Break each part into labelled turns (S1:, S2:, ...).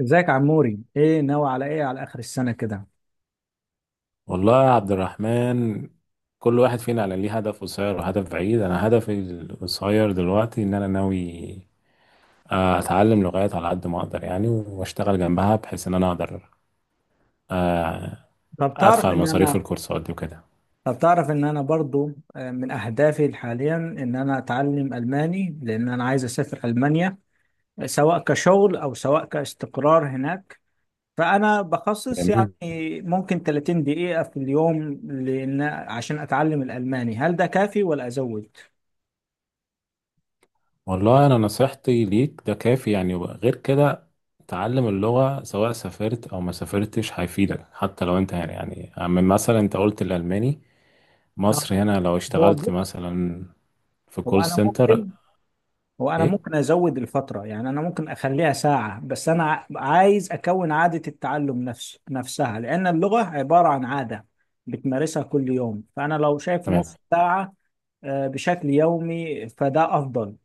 S1: ازيك يا عموري؟ ايه ناوي على ايه على اخر السنه كده؟
S2: والله يا عبد الرحمن، كل واحد فينا على ليه هدف قصير وهدف بعيد. انا هدفي القصير دلوقتي ان انا ناوي اتعلم لغات على قد ما اقدر يعني، واشتغل جنبها بحيث ان انا اقدر آه،
S1: طب تعرف
S2: ادفع
S1: ان
S2: المصاريف
S1: انا
S2: الكورسات دي وكده.
S1: طب تعرف ان انا برضو، من اهدافي حاليا ان انا اتعلم الماني، لان انا عايز اسافر المانيا سواء كشغل او سواء كاستقرار هناك. فانا بخصص يعني
S2: جميل.
S1: ممكن 30 دقيقه في اليوم، لان عشان اتعلم الالماني، هل ده كافي ولا ازود؟
S2: والله انا نصيحتي ليك ده كافي يعني، غير كده تعلم اللغة سواء سافرت او ما سافرتش هيفيدك، حتى لو انت هنا يعني. من مثلا انت قلت الالماني،
S1: آه،
S2: مصر هنا لو
S1: هو
S2: اشتغلت
S1: بص،
S2: مثلا في
S1: هو
S2: كول
S1: انا
S2: سنتر.
S1: ممكن هو انا
S2: ايه.
S1: ممكن ازود الفتره، يعني انا ممكن اخليها ساعه، بس انا عايز اكون عاده التعلم نفسها، لان اللغه عباره عن عاده بتمارسها كل يوم. فانا لو شايف
S2: تمام.
S1: نص ساعه بشكل يومي فده افضل.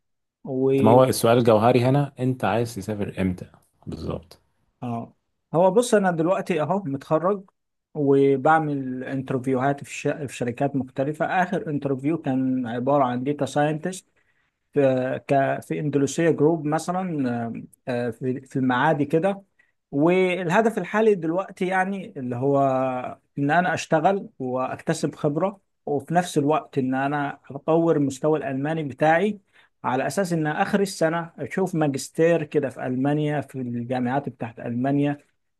S1: و
S2: ما هو السؤال الجوهري هنا، انت عايز تسافر امتى؟ بالظبط.
S1: اه هو بص، انا دلوقتي اهو متخرج، وبعمل انترفيوهات في شركات مختلفه. اخر انترفيو كان عباره عن داتا ساينتست، في اندونيسيا جروب مثلا، في المعادي كده. والهدف الحالي دلوقتي يعني اللي هو ان انا اشتغل واكتسب خبرة، وفي نفس الوقت ان انا اطور مستوى الالماني بتاعي، على اساس ان اخر السنة اشوف ماجستير كده في المانيا، في الجامعات بتاعت المانيا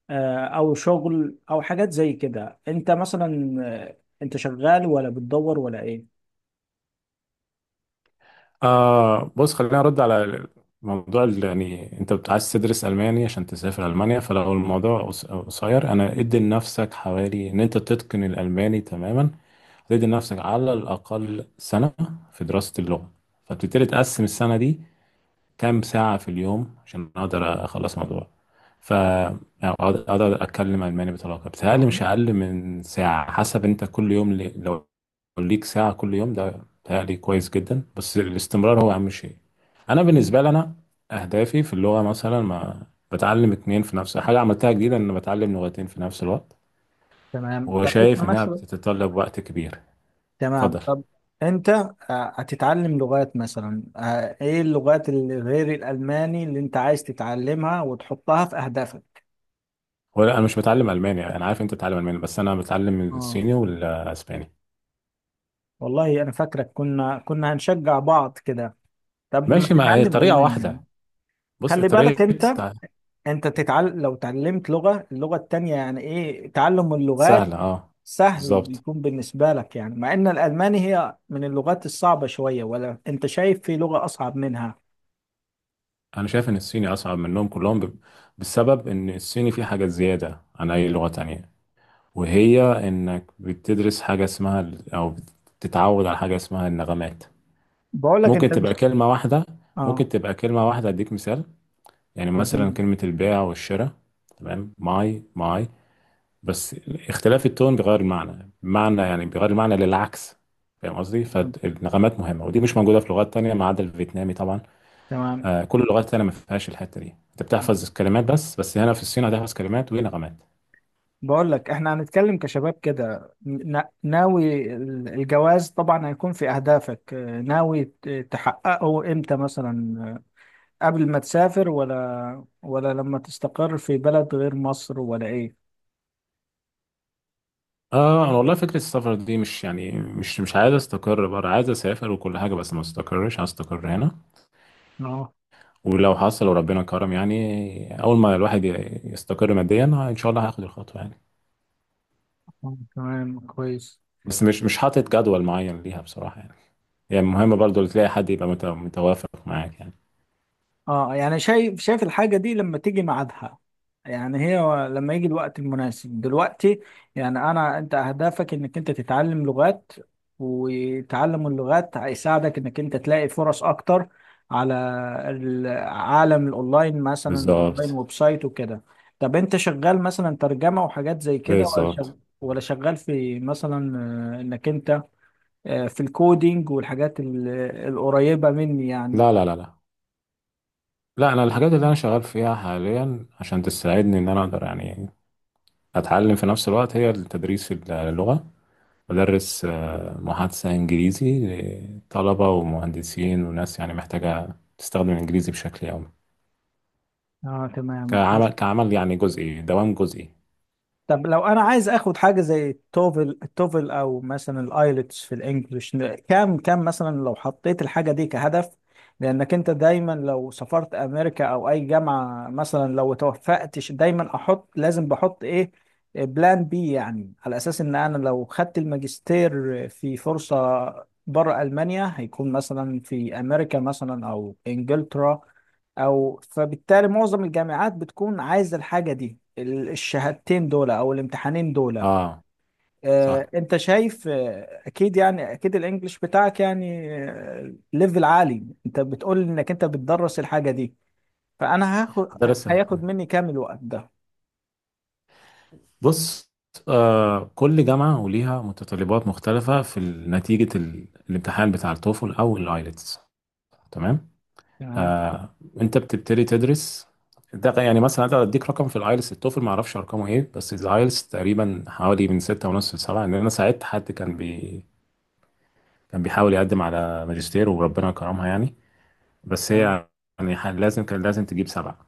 S1: او شغل او حاجات زي كده. انت مثلا، انت شغال ولا بتدور ولا ايه؟
S2: آه، بص خلينا ارد على موضوع يعني انت عايز تدرس الماني عشان تسافر المانيا، فلو الموضوع قصير انا ادي لنفسك حوالي ان انت تتقن الالماني تماما، تدي لنفسك على الاقل سنه في دراسه اللغه. فبتبتدي تقسم السنه دي كام ساعة في اليوم عشان أقدر أخلص الموضوع، فأقدر أقدر أتكلم ألماني بطلاقة. بتهيألي
S1: يعني.
S2: مش أقل من ساعة حسب أنت كل يوم. لو ليك ساعة كل يوم ده بتهيألي كويس جدا، بس الاستمرار هو أهم شيء. أنا بالنسبة لي، أنا أهدافي في اللغة مثلا ما بتعلم اتنين في نفس، حاجة عملتها جديدة إن بتعلم لغتين في نفس الوقت،
S1: تمام. طب انت
S2: وشايف إنها
S1: مثلا.
S2: بتتطلب وقت كبير.
S1: تمام
S2: اتفضل.
S1: طب. انت هتتعلم لغات مثلا، ايه اللغات اللي غير الالماني اللي انت عايز تتعلمها وتحطها في اهدافك؟
S2: هو لا، أنا مش بتعلم ألماني، أنا عارف أنت بتتعلم ألماني بس أنا بتعلم
S1: اه،
S2: الصيني والأسباني.
S1: والله انا فاكرك كنا هنشجع بعض كده قبل ما
S2: ماشي، ما هي
S1: تتعلم
S2: طريقة
S1: الماني يعني.
S2: واحدة. بص
S1: خلي بالك،
S2: اتريت
S1: انت انت تتعلم لو تعلمت اللغة التانية، يعني ايه تعلم اللغات؟
S2: سهلة اه.
S1: سهل
S2: بالظبط.
S1: بيكون بالنسبة لك، يعني مع ان الالماني هي من اللغات الصعبة شوية، ولا انت شايف في لغة اصعب منها؟
S2: انا شايف ان الصيني اصعب منهم كلهم بسبب ان الصيني فيه حاجات زيادة عن اي لغة تانية، وهي انك بتدرس حاجة اسمها او بتتعود على حاجة اسمها النغمات.
S1: بقول لك
S2: ممكن
S1: انت
S2: تبقى
S1: مش...
S2: كلمة واحدة
S1: اه،
S2: ممكن تبقى كلمة واحدة، اديك مثال. يعني مثلا
S1: اديني.
S2: كلمة البيع والشراء، تمام؟ ماي ماي، بس اختلاف التون بيغير المعنى، معنى يعني بيغير المعنى للعكس، فاهم قصدي؟ فالنغمات مهمه ودي مش موجوده في لغات تانية ما عدا الفيتنامي طبعا.
S1: تمام.
S2: كل اللغات التانية ما فيهاش الحته دي، انت بتحفظ كلمات بس هنا في الصين هتحفظ كلمات ونغمات.
S1: بقول لك، احنا هنتكلم كشباب كده، ناوي الجواز طبعا هيكون في اهدافك، ناوي تحققه امتى مثلا؟ قبل ما تسافر ولا لما تستقر في بلد غير مصر، ولا ايه؟
S2: اه، انا والله فكره السفر دي مش يعني، مش عايز استقر بره، عايز اسافر وكل حاجه بس ما استقرش، عايز استقر هنا.
S1: اه.
S2: ولو حصل وربنا كرم، يعني اول ما الواحد يستقر ماديا، ان شاء الله هاخد الخطوه يعني.
S1: تمام، كويس.
S2: بس مش حاطط جدول معين ليها بصراحه، يعني يعني مهم برضو اللي تلاقي حد يبقى متوافق معاك يعني.
S1: اه، يعني شايف الحاجة دي لما تيجي ميعادها. يعني هي لما يجي الوقت المناسب دلوقتي. يعني انت، اهدافك انك انت تتعلم لغات، وتعلم اللغات هيساعدك انك انت تلاقي فرص اكتر على العالم الاونلاين، مثلا الاونلاين
S2: بالظبط،
S1: ويب سايت وكده. طب انت شغال مثلا ترجمة وحاجات زي كده، ولا
S2: بالظبط.
S1: شغال، في مثلا انك انت في الكودينج والحاجات القريبة مني يعني؟
S2: لا، لا، لا، لا. لا، انا الحاجات اللي انا شغال فيها حاليا عشان تساعدني ان انا اقدر يعني اتعلم في نفس الوقت هي التدريس اللغة. بدرس محادثة انجليزي لطلبة ومهندسين وناس يعني محتاجة تستخدم الانجليزي بشكل يومي،
S1: اه، تمام.
S2: كعمل يعني جزئي، دوام جزئي.
S1: طب لو انا عايز اخد حاجه زي التوفل او مثلا الايلتس في الانجليش، كام مثلا لو حطيت الحاجه دي كهدف؟ لانك انت دايما لو سافرت امريكا او اي جامعه مثلا، لو توفقتش، دايما لازم بحط ايه؟ بلان بي، يعني على اساس ان انا لو خدت الماجستير في فرصه بره المانيا، هيكون مثلا في امريكا مثلا او انجلترا، فبالتالي معظم الجامعات بتكون عايزه الحاجه دي، الشهادتين دول او الامتحانين دول.
S2: اه، صح.
S1: انت شايف اكيد، يعني اكيد الانجليش بتاعك يعني ليفل عالي، انت بتقول انك انت بتدرس الحاجه دي. فانا هاخد
S2: بدرس.
S1: هياخد مني كام الوقت ده؟
S2: بص، كل جامعة وليها متطلبات مختلفة في نتيجة الامتحان بتاع التوفل أو الآيلتس، تمام.
S1: تمام،
S2: آه أنت بتبتدي تدرس، ده يعني مثلا. أنا أديك رقم في الآيلتس، التوفل معرفش أرقامه إيه، بس الآيلتس تقريبا حوالي من 6.5 لسبعة، لأن أنا ساعدت حد كان بيحاول يقدم على ماجستير وربنا كرمها يعني، بس
S1: تمام،
S2: هي يعني كان لازم تجيب 7،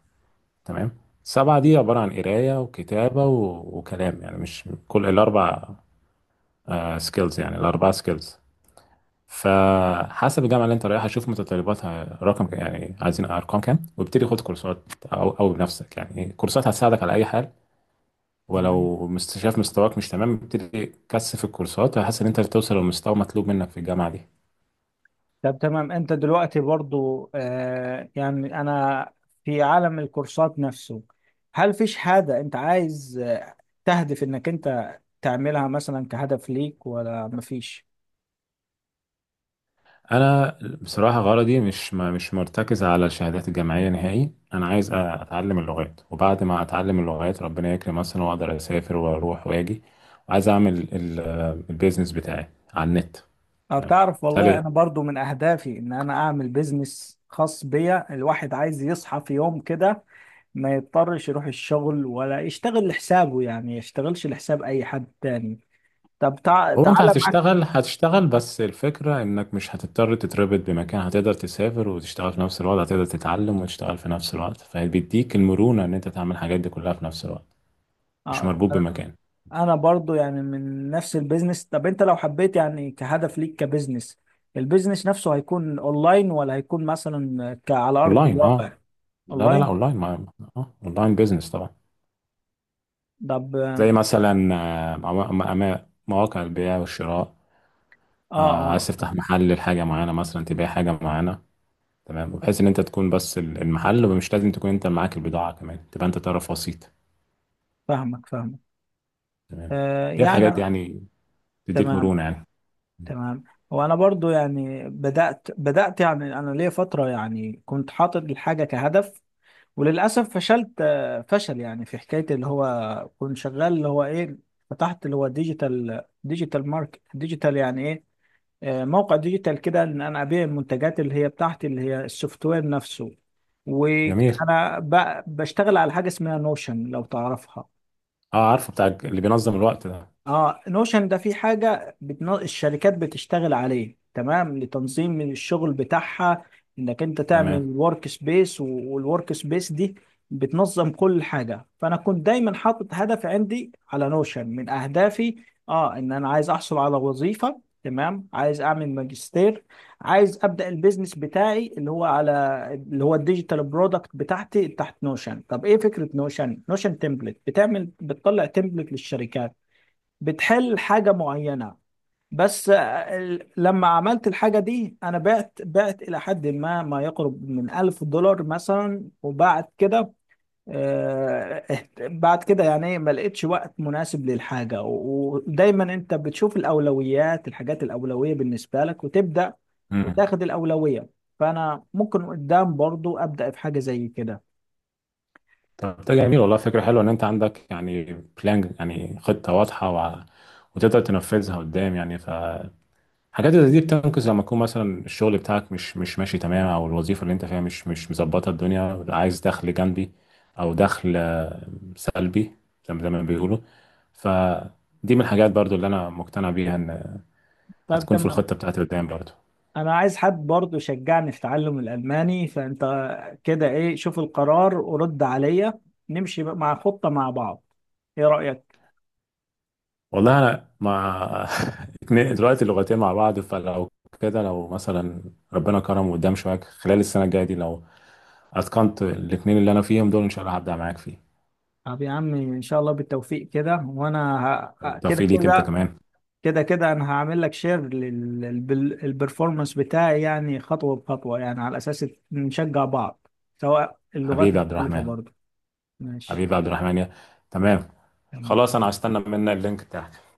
S2: تمام؟ 7 دي عبارة عن قراية وكتابة وكلام، يعني مش كل الأربع سكيلز، يعني الأربعة سكيلز. فحسب الجامعة اللي أنت رايحها شوف متطلباتها، رقم يعني عايزين أرقام كام، وابتدي خد كورسات، أو بنفسك يعني، كورسات هتساعدك على أي حال.
S1: تمام.
S2: ولو شايف مستواك مش تمام، ابتدي كثف الكورسات، هحس إن أنت توصل للمستوى مطلوب منك في الجامعة دي.
S1: طب تمام. انت دلوقتي برضو يعني انا، في عالم الكورسات نفسه، هل في شهادة انت عايز تهدف انك انت تعملها مثلا كهدف ليك، ولا مفيش؟
S2: انا بصراحه غرضي مش مرتكز على الشهادات الجامعيه نهائي، انا عايز اتعلم اللغات، وبعد ما اتعلم اللغات ربنا يكرم مثلا واقدر اسافر واروح واجي، وعايز اعمل البيزنس بتاعي على النت.
S1: أه،
S2: تمام،
S1: بتعرف، والله
S2: بالتالي
S1: انا برضو من اهدافي ان انا اعمل بيزنس خاص بيا. الواحد عايز يصحى في يوم كده ما يضطرش يروح الشغل، ولا يشتغل لحسابه، يعني يشتغلش لحساب اي حد تاني. طب
S2: هو انت
S1: تعالى معاك.
S2: هتشتغل بس الفكره انك مش هتضطر تتربط بمكان، هتقدر تسافر وتشتغل في نفس الوقت، هتقدر تتعلم وتشتغل في نفس الوقت، فبيديك المرونه ان انت تعمل الحاجات دي كلها في نفس الوقت، مش
S1: آه،
S2: مربوط بمكان.
S1: انا برضو يعني من نفس البيزنس. طب انت لو حبيت يعني كهدف ليك كبيزنس، البيزنس نفسه هيكون اونلاين ولا هيكون مثلا على ارض
S2: اونلاين،
S1: الواقع؟
S2: اه. لا، لا، لا،
S1: اونلاين.
S2: اونلاين اونلاين بيزنس طبعا.
S1: طب اه،
S2: زي مثلا مواقع البيع والشراء،
S1: اه،
S2: عايز تفتح محل لحاجه معينه مثلا، تبيع حاجه معينه، تمام، بحيث ان انت تكون بس المحل ومش لازم تكون انت معاك البضاعه كمان، تبقى انت طرف وسيط.
S1: فاهمك، فاهمك.
S2: تمام. دي
S1: يعني
S2: الحاجات دي يعني تديك
S1: تمام،
S2: مرونه يعني.
S1: تمام. وانا برضو يعني، بدأت يعني، انا ليا فترة يعني كنت حاطط الحاجة كهدف، وللاسف فشلت، فشل يعني، في حكاية اللي هو كنت شغال اللي هو ايه. فتحت اللي هو ديجيتال ماركت، ديجيتال يعني ايه؟ موقع ديجيتال كده ان انا ابيع المنتجات اللي هي بتاعتي، اللي هي السوفت وير نفسه.
S2: جميل.
S1: وانا بشتغل على حاجه اسمها نوشن، لو تعرفها.
S2: اه، عارفه، بتاع اللي بينظم الوقت ده.
S1: اه، نوشن ده في حاجة الشركات بتشتغل عليه تمام لتنظيم من الشغل بتاعها، انك انت تعمل
S2: تمام.
S1: ورك سبيس، والورك سبيس دي بتنظم كل حاجة. فانا كنت دايما حاطط هدف عندي على نوشن. من اهدافي ان انا عايز احصل على وظيفة، تمام، عايز اعمل ماجستير، عايز ابدا البيزنس بتاعي اللي هو اللي هو الديجيتال برودكت بتاعتي تحت نوشن. طب ايه فكرة نوشن؟ نوشن تمبلت، بتطلع تمبلت للشركات، بتحل حاجة معينة. بس لما عملت الحاجة دي، أنا بعت إلى حد ما، ما يقرب من 1000 دولار مثلا، وبعد كده بعد كده يعني إيه، ما لقيتش وقت مناسب للحاجة، و- ودايما أنت بتشوف الحاجات الأولوية بالنسبة لك، وتبدأ
S2: امم
S1: وتاخد الأولوية. فأنا ممكن قدام برضو أبدأ في حاجة زي كده.
S2: طب ده جميل والله، فكره حلوه ان انت عندك يعني بلان، يعني خطه واضحه، وتقدر تنفذها قدام يعني. حاجات زي دي بتنقذ لما يكون مثلا الشغل بتاعك مش ماشي تمام، او الوظيفه اللي انت فيها مش مظبطه، الدنيا عايز دخل جانبي، او دخل سلبي زي ما زي ما بيقولوا. فدي من الحاجات برضو اللي انا مقتنع بيها، ان
S1: طب
S2: هتكون في
S1: تمام.
S2: الخطه بتاعتي قدام برضو.
S1: انا عايز حد برضه يشجعني في تعلم الالماني، فانت كده ايه؟ شوف القرار ورد عليا. نمشي بقى مع خطة مع بعض، ايه رأيك؟
S2: والله، انا ما دلوقتي اللغتين مع بعض، فلو كده لو مثلا ربنا كرم قدام شويه خلال السنه الجايه دي، لو اتقنت الاثنين اللي انا فيهم دول ان شاء الله هبدع معاك فيه.
S1: طب يا عمي، ان شاء الله بالتوفيق كده. وانا ه... كده
S2: والتوفيق ليك انت
S1: كده
S2: كمان.
S1: كده كده، انا هعمل لك شير للبرفورمانس بتاعي، يعني خطوة بخطوة، يعني على اساس نشجع بعض، سواء اللغات
S2: حبيبي يا عبد
S1: مختلفة
S2: الرحمن،
S1: برضه. ماشي،
S2: حبيبي عبد الرحمن تمام.
S1: تمام.
S2: خلاص، انا هستنى منك اللينك بتاعك.